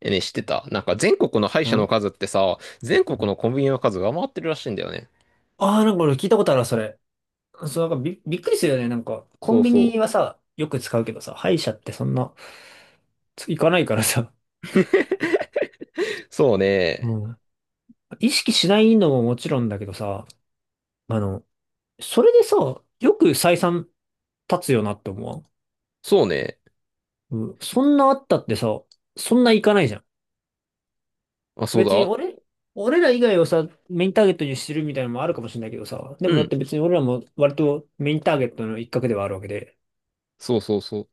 え、ね、知ってた？なんか全国の歯医者のん数ってさ、全国のコンビニの数が上回ってるらしいんだよね。なんか俺聞いたことあるわ、それ。そう、なんかびっくりするよね。なんか、コそンうビそニはさ、よく使うけどさ、歯医者ってそんな、行かないからさ、う。そうね。もうん。意識しないのももちろんだけどさ、あの、それでさ、よく採算立つよなって思わん。そうね。うん、そんなあったってさ、そんな行かないじゃん。あ、そう別にだ。俺ら以外をさ、メインターゲットにしてるみたいなのもあるかもしれないけどさ、でうもだっん。て別に俺らも割とメインターゲットの一角ではあるわけで、そうそうそう。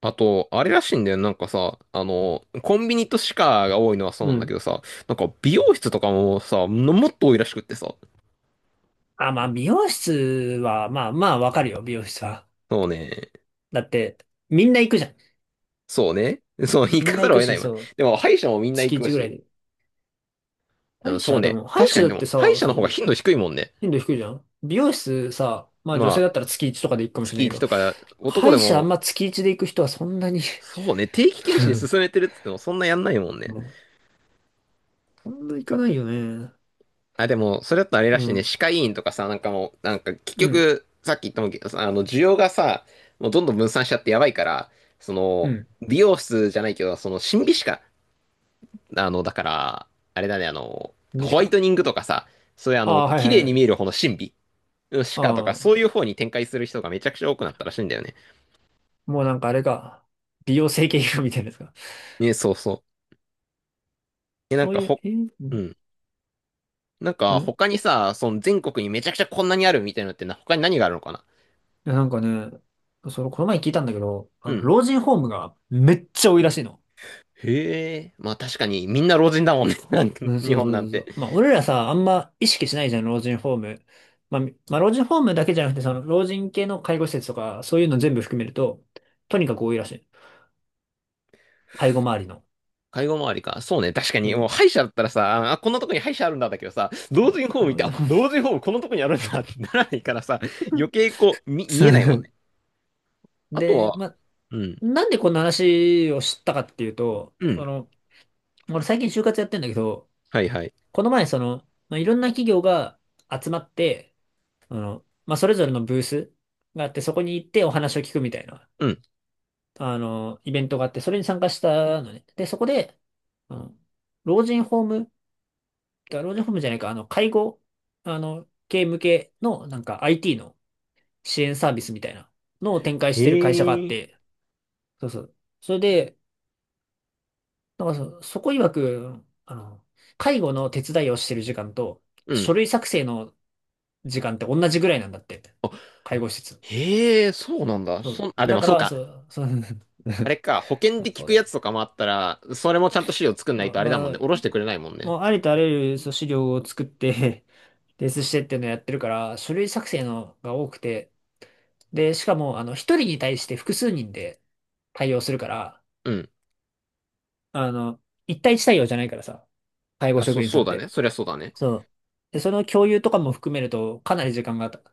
あと、あれらしいんだよ。なんかさ、コンビニと歯科が多いのはそううなんだけん。どさ、なんか美容室とかもさ、のもっと多いらしくってさ。あ、まあ、美容室は、まあまあ、わかるよ、美容室は。そうね。だって、みんな行くじゃん。そうね。そう、行みんかなざ行るをく得なし、いわ。そう、でも、歯医者もみんな月行く1ぐらいし。で。うん、そうね。歯医確か者に、だっでも、てさ、歯医者の方が頻度低いもんね。頻度低いじゃん。美容室さ、まあ女性まあ、だったら月1とかで行くかもしれ月ないけ1ど、とか、歯男で医者あんもま月1で行く人はそんなに そうね、定期検診進めて るっつってもそんなやんないもんね。もうそんな行かないよね。あ、でも、それだとあれらうしいね、ん、歯科医院とかさ、なんかもう、なんか結うん、局、さっき言ったもんけどさ、需要がさ、もうどんどん分散しちゃってやばいから、そうの、ん。美容室じゃないけど、その、審美歯科、だから、あれだね、でホすワイトか。ニングとかさ、そういうああ、はい綺は麗いはに見えい。る方の審美、歯科とか、そあうあ、いう方に展開する人がめちゃくちゃ多くなったらしいんだよね。もうなんかあれか。美容整形外科みたいなやつか。ね、そうそう。え、なんそうかいう、ほ、え、ううん、ん。なんうか、ん、他にさ、その全国にめちゃくちゃこんなにあるみたいなのってな、他に何があるのかな。いや、なんかね、その、この前聞いたんだけど、うあのん。老人ホームがめっちゃ多いらしいの。へえ。まあ確かに、みんな老人だもんね。なんかうん、日そう本そうなそんうそて。う。まあ、俺らさ、あんま意識しないじゃん、老人ホーム。まあ、老人ホームだけじゃなくて、その、老人系の介護施設とか、そういうの全部含めると、とにかく多いらしい。介護周りの。介護周りか。そうね。確かうに、もうん。歯医者だったらさ、あ、こんなとこに歯医者あるんだだけどさ、う老ん。人ホーム見老て、人あ、ホーム。 老人ホームこのとこにある んうだってん、ならないからさ、余計こう、そ見えないもんね。う。 あとは、で、まあ、うん。なんでこんな話を知ったかっていうと、うあん。の、俺最近就活やってんだけど、はいはい。この前、その、まあ、いろんな企業が集まって、あの、まあ、それぞれのブースがあって、そこに行ってお話を聞くみたいな、うん。あの、イベントがあって、それに参加したのね。で、そこで、あの、老人ホーム、老人ホームじゃないか、あの、介護、あの、系向けの、なんか IT の支援サービスみたいなのを展開してる会社があっへえ。て、そうそう。それで、なんかそこ曰く、あの、介護の手伝いをしてる時間と、う書ん。類作成の時間って同じぐらいなんだって。あ介護施設。へえ、そうなんだ。そう。あ、でだもかそうら、そか。う、そう、あれか、保 険あで聞そうくだやつとね。かもあったら、それもちゃんと資料作んあないとあれだもまんあ、ね。おろしてくれないもんね。もうありとあらゆるそう資料を作って提出 してっていうのをやってるから、書類作成のが多くて、で、しかも、あの、一人に対して複数人で対応するから、うん。あの、一対一対応じゃないからさ、介護あ、そう、職員さそうんっだね。て。そりゃそうだね。そう。で、その共有とかも含めると、かなり時間が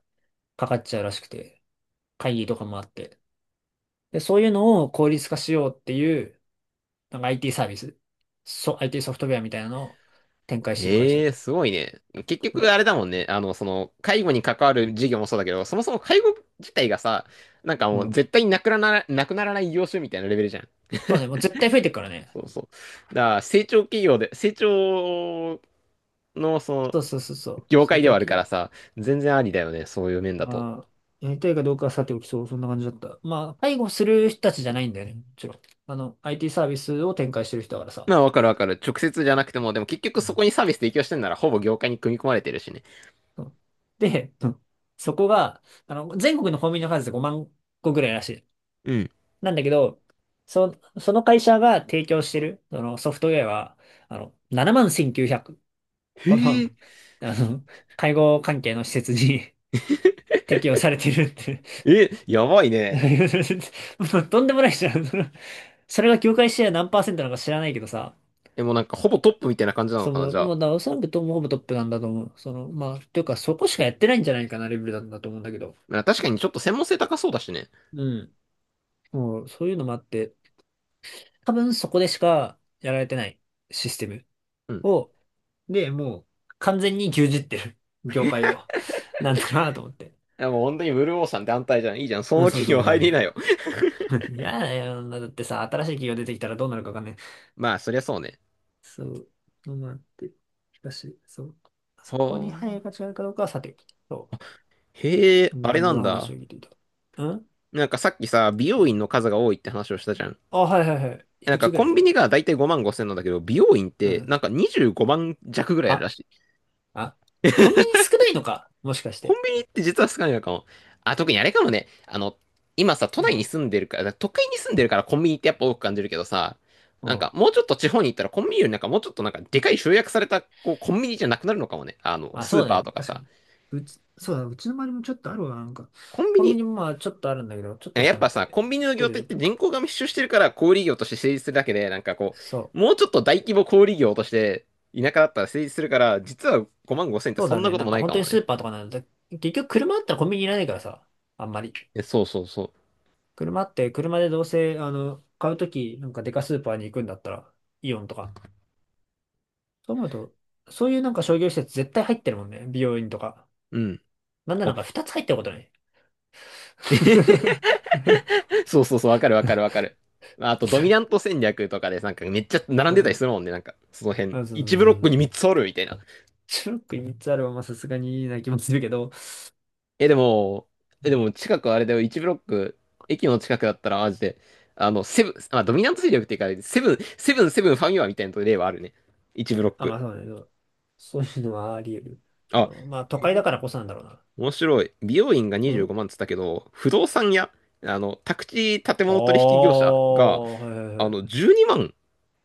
かっちゃうらしくて、会議とかもあって。で、そういうのを効率化しようっていうなんか IT サービス、IT ソフトウェアみたいなのを展開してる会社だへっえ、た。すごいね。結う局ん。あれだもんね。介護に関わる事業もそうだけど、そもそも介護自体がさ、なんかうもうん、絶対になくならない業種みたいなレベルじゃん。そうね、もう 絶対増えてるからね。そうそう。だから成長企業で、成長のそのそうそうそうそう。業成界で長はあるか企ら業。さ、全然ありだよね、そういう面だと。まあ、やりたいかどうかはさておきそんな感じだった。まあ、介護する人たちじゃないんだよね、もちろん。あの、IT サービスを展開してる人だからさ。まあ、わかるわかる。直接じゃなくても、でも結局うん、そこにサービス提供してんなら、ほぼ業界に組み込まれてるしね。そう。で、うん、そこが、あの、全国のコンビニの数で5万個ぐらいらしい。うん。なんだけど、そ、その会社が提供してる、そのソフトウェアは、あの、7万1900へこの、え。あの、介護関係の施設に 適用されてるって。 え、やばいね。もうとんでもないじゃん。その、それが業界シェア何パーセントなのか知らないけどさ、でもなんか、ほぼトップみたいな感じなのそかな、の、じゃあ。もうだ、おそらくほぼトップなんだと思う。その、まあ、というかそこしかやってないんじゃないかなレベルなんだと思うんだけど。まあ確かにちょっと専門性高そうだしね。うん。もう、そういうのもあって、多分そこでしかやられてないシステムうん。を、で、もう、完全に牛耳ってる業界を。なんだなと思って。でもう本当にブルーオーさん団体じゃん。いいじゃん。そうのん、そう企そう業そう入そりなよ。う。嫌だよ。だってさ、新しい企業出てきたらどうなるかわかんない。まあ、そりゃそうね。そう。どうなって。しかし、そう。はそこに配慮があ。違うかどうかはさておき。そう。へえ、こんなあれ感じなんの話だ。を聞いていた。うん。なんかさっきさ、美容院の数が多いって話をしたじゃん。あ、はいはいはい。いなんくかつぐコらンい？ビニがだいたい5万5千なんだけど、美容院っうてん。なんか25万弱ぐらいあるはらしい。あ、コンビニ少ないのかもしかしコて。ンビニって実は少ないのかも。あ、特にあれかもね。今さ、都う内にん、住んでるから、都会に住んでるからコンビニってやっぱ多く感じるけどさ、うなんん。かもうちょっと地方に行ったらコンビニよりなんかもうちょっとなんかでかい集約されたこうコンビニじゃなくなるのかもね。まあスそーうだパーね。とか確かさ。に。うち、そうだ、うちの周りもちょっとあるわ。なんか、コンビコンビニ、ニもまあちょっとあるんだけど、ちょっとしやっかなぱくさ、て。コンビニあのる程業度態十って分。人口が密集してるから小売業として成立するだけで、なんかこそう、う。もうちょっと大規模小売業として田舎だったら成立するから、実は5万5千ってそうそだんなね。ことなんもかない本か当もにスね。ーパーとかなんだ。結局車あったらコンビニいらないからさ。あんまり。えそうそうそ車でどうせ、あの、買うとき、なんかデカスーパーに行くんだったら、イオンとか。そう思うと、そういうなんか商業施設絶対入ってるもんね。美容院とか。う。うん。なんならあ、なんか2つ入ってることない？そうそうそう、わかるわかるわかる。あと、ドミナント戦略とかで、なんかめっちゃ並んうでたりするん。もんね、なんか、その辺。あ、そうそ1うブロそうッそクう。に3つおるみたいな。ショック3つあるはまあさすがにいいな気もするけど。え、でも、え、うでん。も近くあれだよ、1ブロック、駅の近くだったら、マジで、セブン、あ、ドミナント戦略っていうか、セブンファミマみたいな例はあるね。1ブロッあ、まク。あそうね。そうそういうのはあり得る。あ、うん。まあ都へ会だえからこそなんだろうな。面白い。美容院がう25ん。万っつったけど、不動産屋、宅地建ああ物取引業ー、者が、はいはいはい。12万、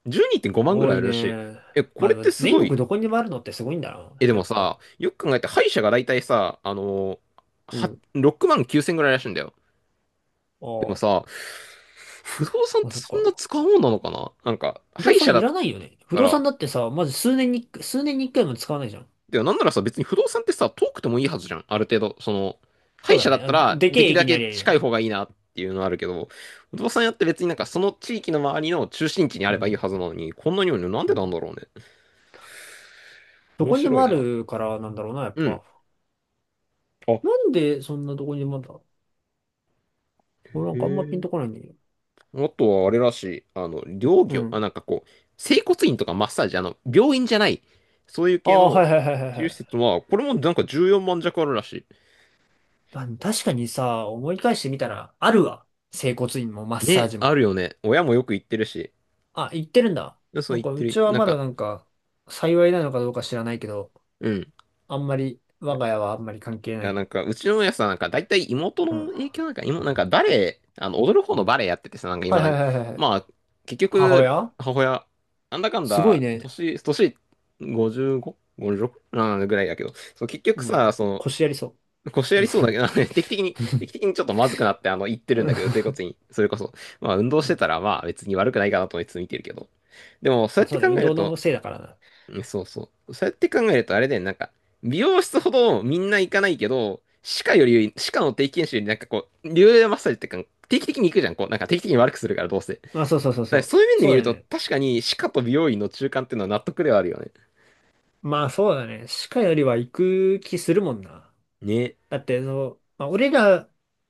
12.5万ぐら多いあいるらしい。ね。え、こまあれでっもてす全ご国い。どこにでもあるのってすごいんだえ、な。でやもっぱ。さ、よく考えて歯医者が大体さ、あのうは、ん。6万9千ぐらいらしいんだよ。でもあさ、不動産っあ、てそっそんなか。使うもんなのかななんか、不歯動医者産だいっらないよね。不た動産ら、だってさ、まず数年に、数年に一回も使わないじゃん。でもなんならさ、別に不動産ってさ、遠くてもいいはずじゃん。ある程度、その、歯そう医だ者だね。っあたら、でけでえきるだ駅にあけりゃいいよ近いね。方がいいなっていうのはあるけど、不動産屋って別になんかその地域の周りの中心地にあうればいいん。はずなのに、こんなにもねなんうでなんん。だろうね。ど面こにで白もいあな。るからなんだろうな、やっうん。ぱ。あ、へなんでそんなどこにでもあるんだ。俺なんかあんまピンとこえ。ないんだけど。あとはあれらしい。あの、療う業、あ、ん。なんかこう、整骨院とかマッサージ、まあの、病院じゃない、そういうあ系あ、のはいはいはいはい治療は施い。設は、これもなんか14万弱あるらしまあ、確かにさ、思い返してみたら、あるわ。整骨院もマッい。サーね、ジあるも。よね。親もよく行ってるし。あ、行ってるんだ。でそうなん言っか、てうる。ちはなんまだか、なんか、幸いなのかどうか知らないけど、うん。あんまり、いや、我いが家はあんまり関係なやい。なんか、うちの親さ、なんか、だいたい妹うん。の影は響なんか、妹、なんか、バレエ、踊る方のバレエやっててさ、なんか、い未はいだはいに。はいはい。まあ、結母局、親母親、なんだかんすごいだ、ね。年 55?56? ぐらいだけど、そう、結局うさ、ん。腰やりそ 腰やう。うりそうだけん。ど、ね、定期的にちょっとまずくなって、言ってるんだけど、整骨院。それこそ。まあ、運動うしてん。たら、まあ、別に悪くないかなと思いつつ見てるけど。でも、そうまやあっそてうね、考運える動と、のせいだからな。うんそうそう。そうやって考えると、あれだよね、なんか、美容室ほどみんな行かないけど、歯科より、歯科の定期検診より、なんかこう、流動マッサージってか、定期的に行くじゃん、こう、なんか定期的に悪くするから、どうせ。だかまあそうそうそうそらう。そういう面でそう見だるよと、ね。確かに歯科と美容院の中間っていうのは納得ではあるよね。まあそうだね。歯科よりは行く気するもんな。ね。だって、その、まあ俺ら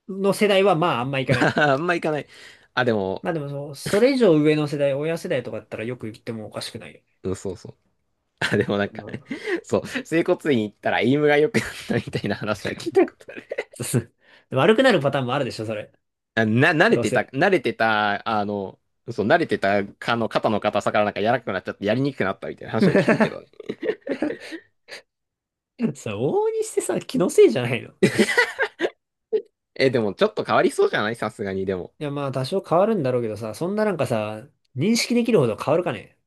の世代はまああんま 行かまないじゃん。あ、あんま行かない。あ、でも、まあでもその、それ以上上の世代、親世代とかだったらよく行ってもおかしくないようん、そうそう。あ、でもなんかね。ね、そう、整骨院行ったらエイムが良くなったみたいな話は聞いたことある。でも悪くなるパターンもあるでしょ、それ。慣れどうてた、せ。慣れてた、そう、慣れてたかの肩の硬さからなんか柔らかくなっちゃってやりにくくなったみたいな話 を聞くけどさ、ね。往々にしてさ、気のせいじゃないの？え、でもちょっと変わりそうじゃないさすがに、でも。いや、まあ、多少変わるんだろうけどさ、そんななんかさ、認識できるほど変わるかね。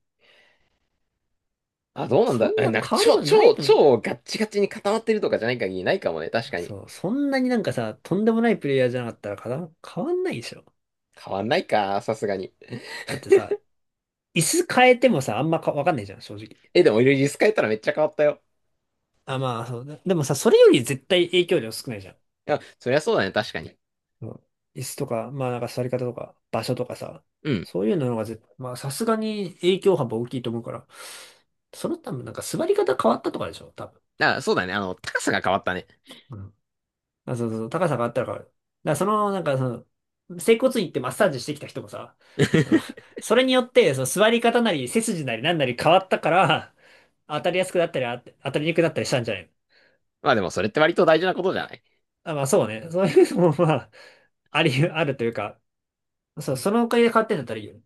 あ、どうなんそだ。んえ、ななんか変わる超、ことない超、のに。超ガッチガチに固まってるとかじゃない限りないかもね、確かに。そう、そんなになんかさ、とんでもないプレイヤーじゃなかったらかな変わんないでしょ。変わんないか、さすがに。だってさ、椅子変えてもさ、あんまかわかんないじゃん、正直。え、でも、リス変えたらめっちゃ変わったよ。あ、まあ、そう。でもさ、それより絶対影響量少ないじゃん。いや、そりゃそうだね、確かに。うん。椅子とか、まあなんか座り方とか、場所とかさ、うん。そういうのがまあさすがに影響幅大きいと思うから、その多分なんか座り方変わったとかでしょ、多分。あ、そうだね、高さが変わったね。うん。あ、そうそうそう、高さがあったら変わる。だからその、整骨院行ってマッサージしてきた人もさ、あの それによって、その座り方なり背筋なりなんなり変わったから、当たりやすくなったり、当たりにくくなったりしたんじゃないの？まあでもそれって割と大事なことじゃない？あ、まあそうね。そういうのもまあ、あるというか、そう、そのおかげで変わってんだったらいいよね。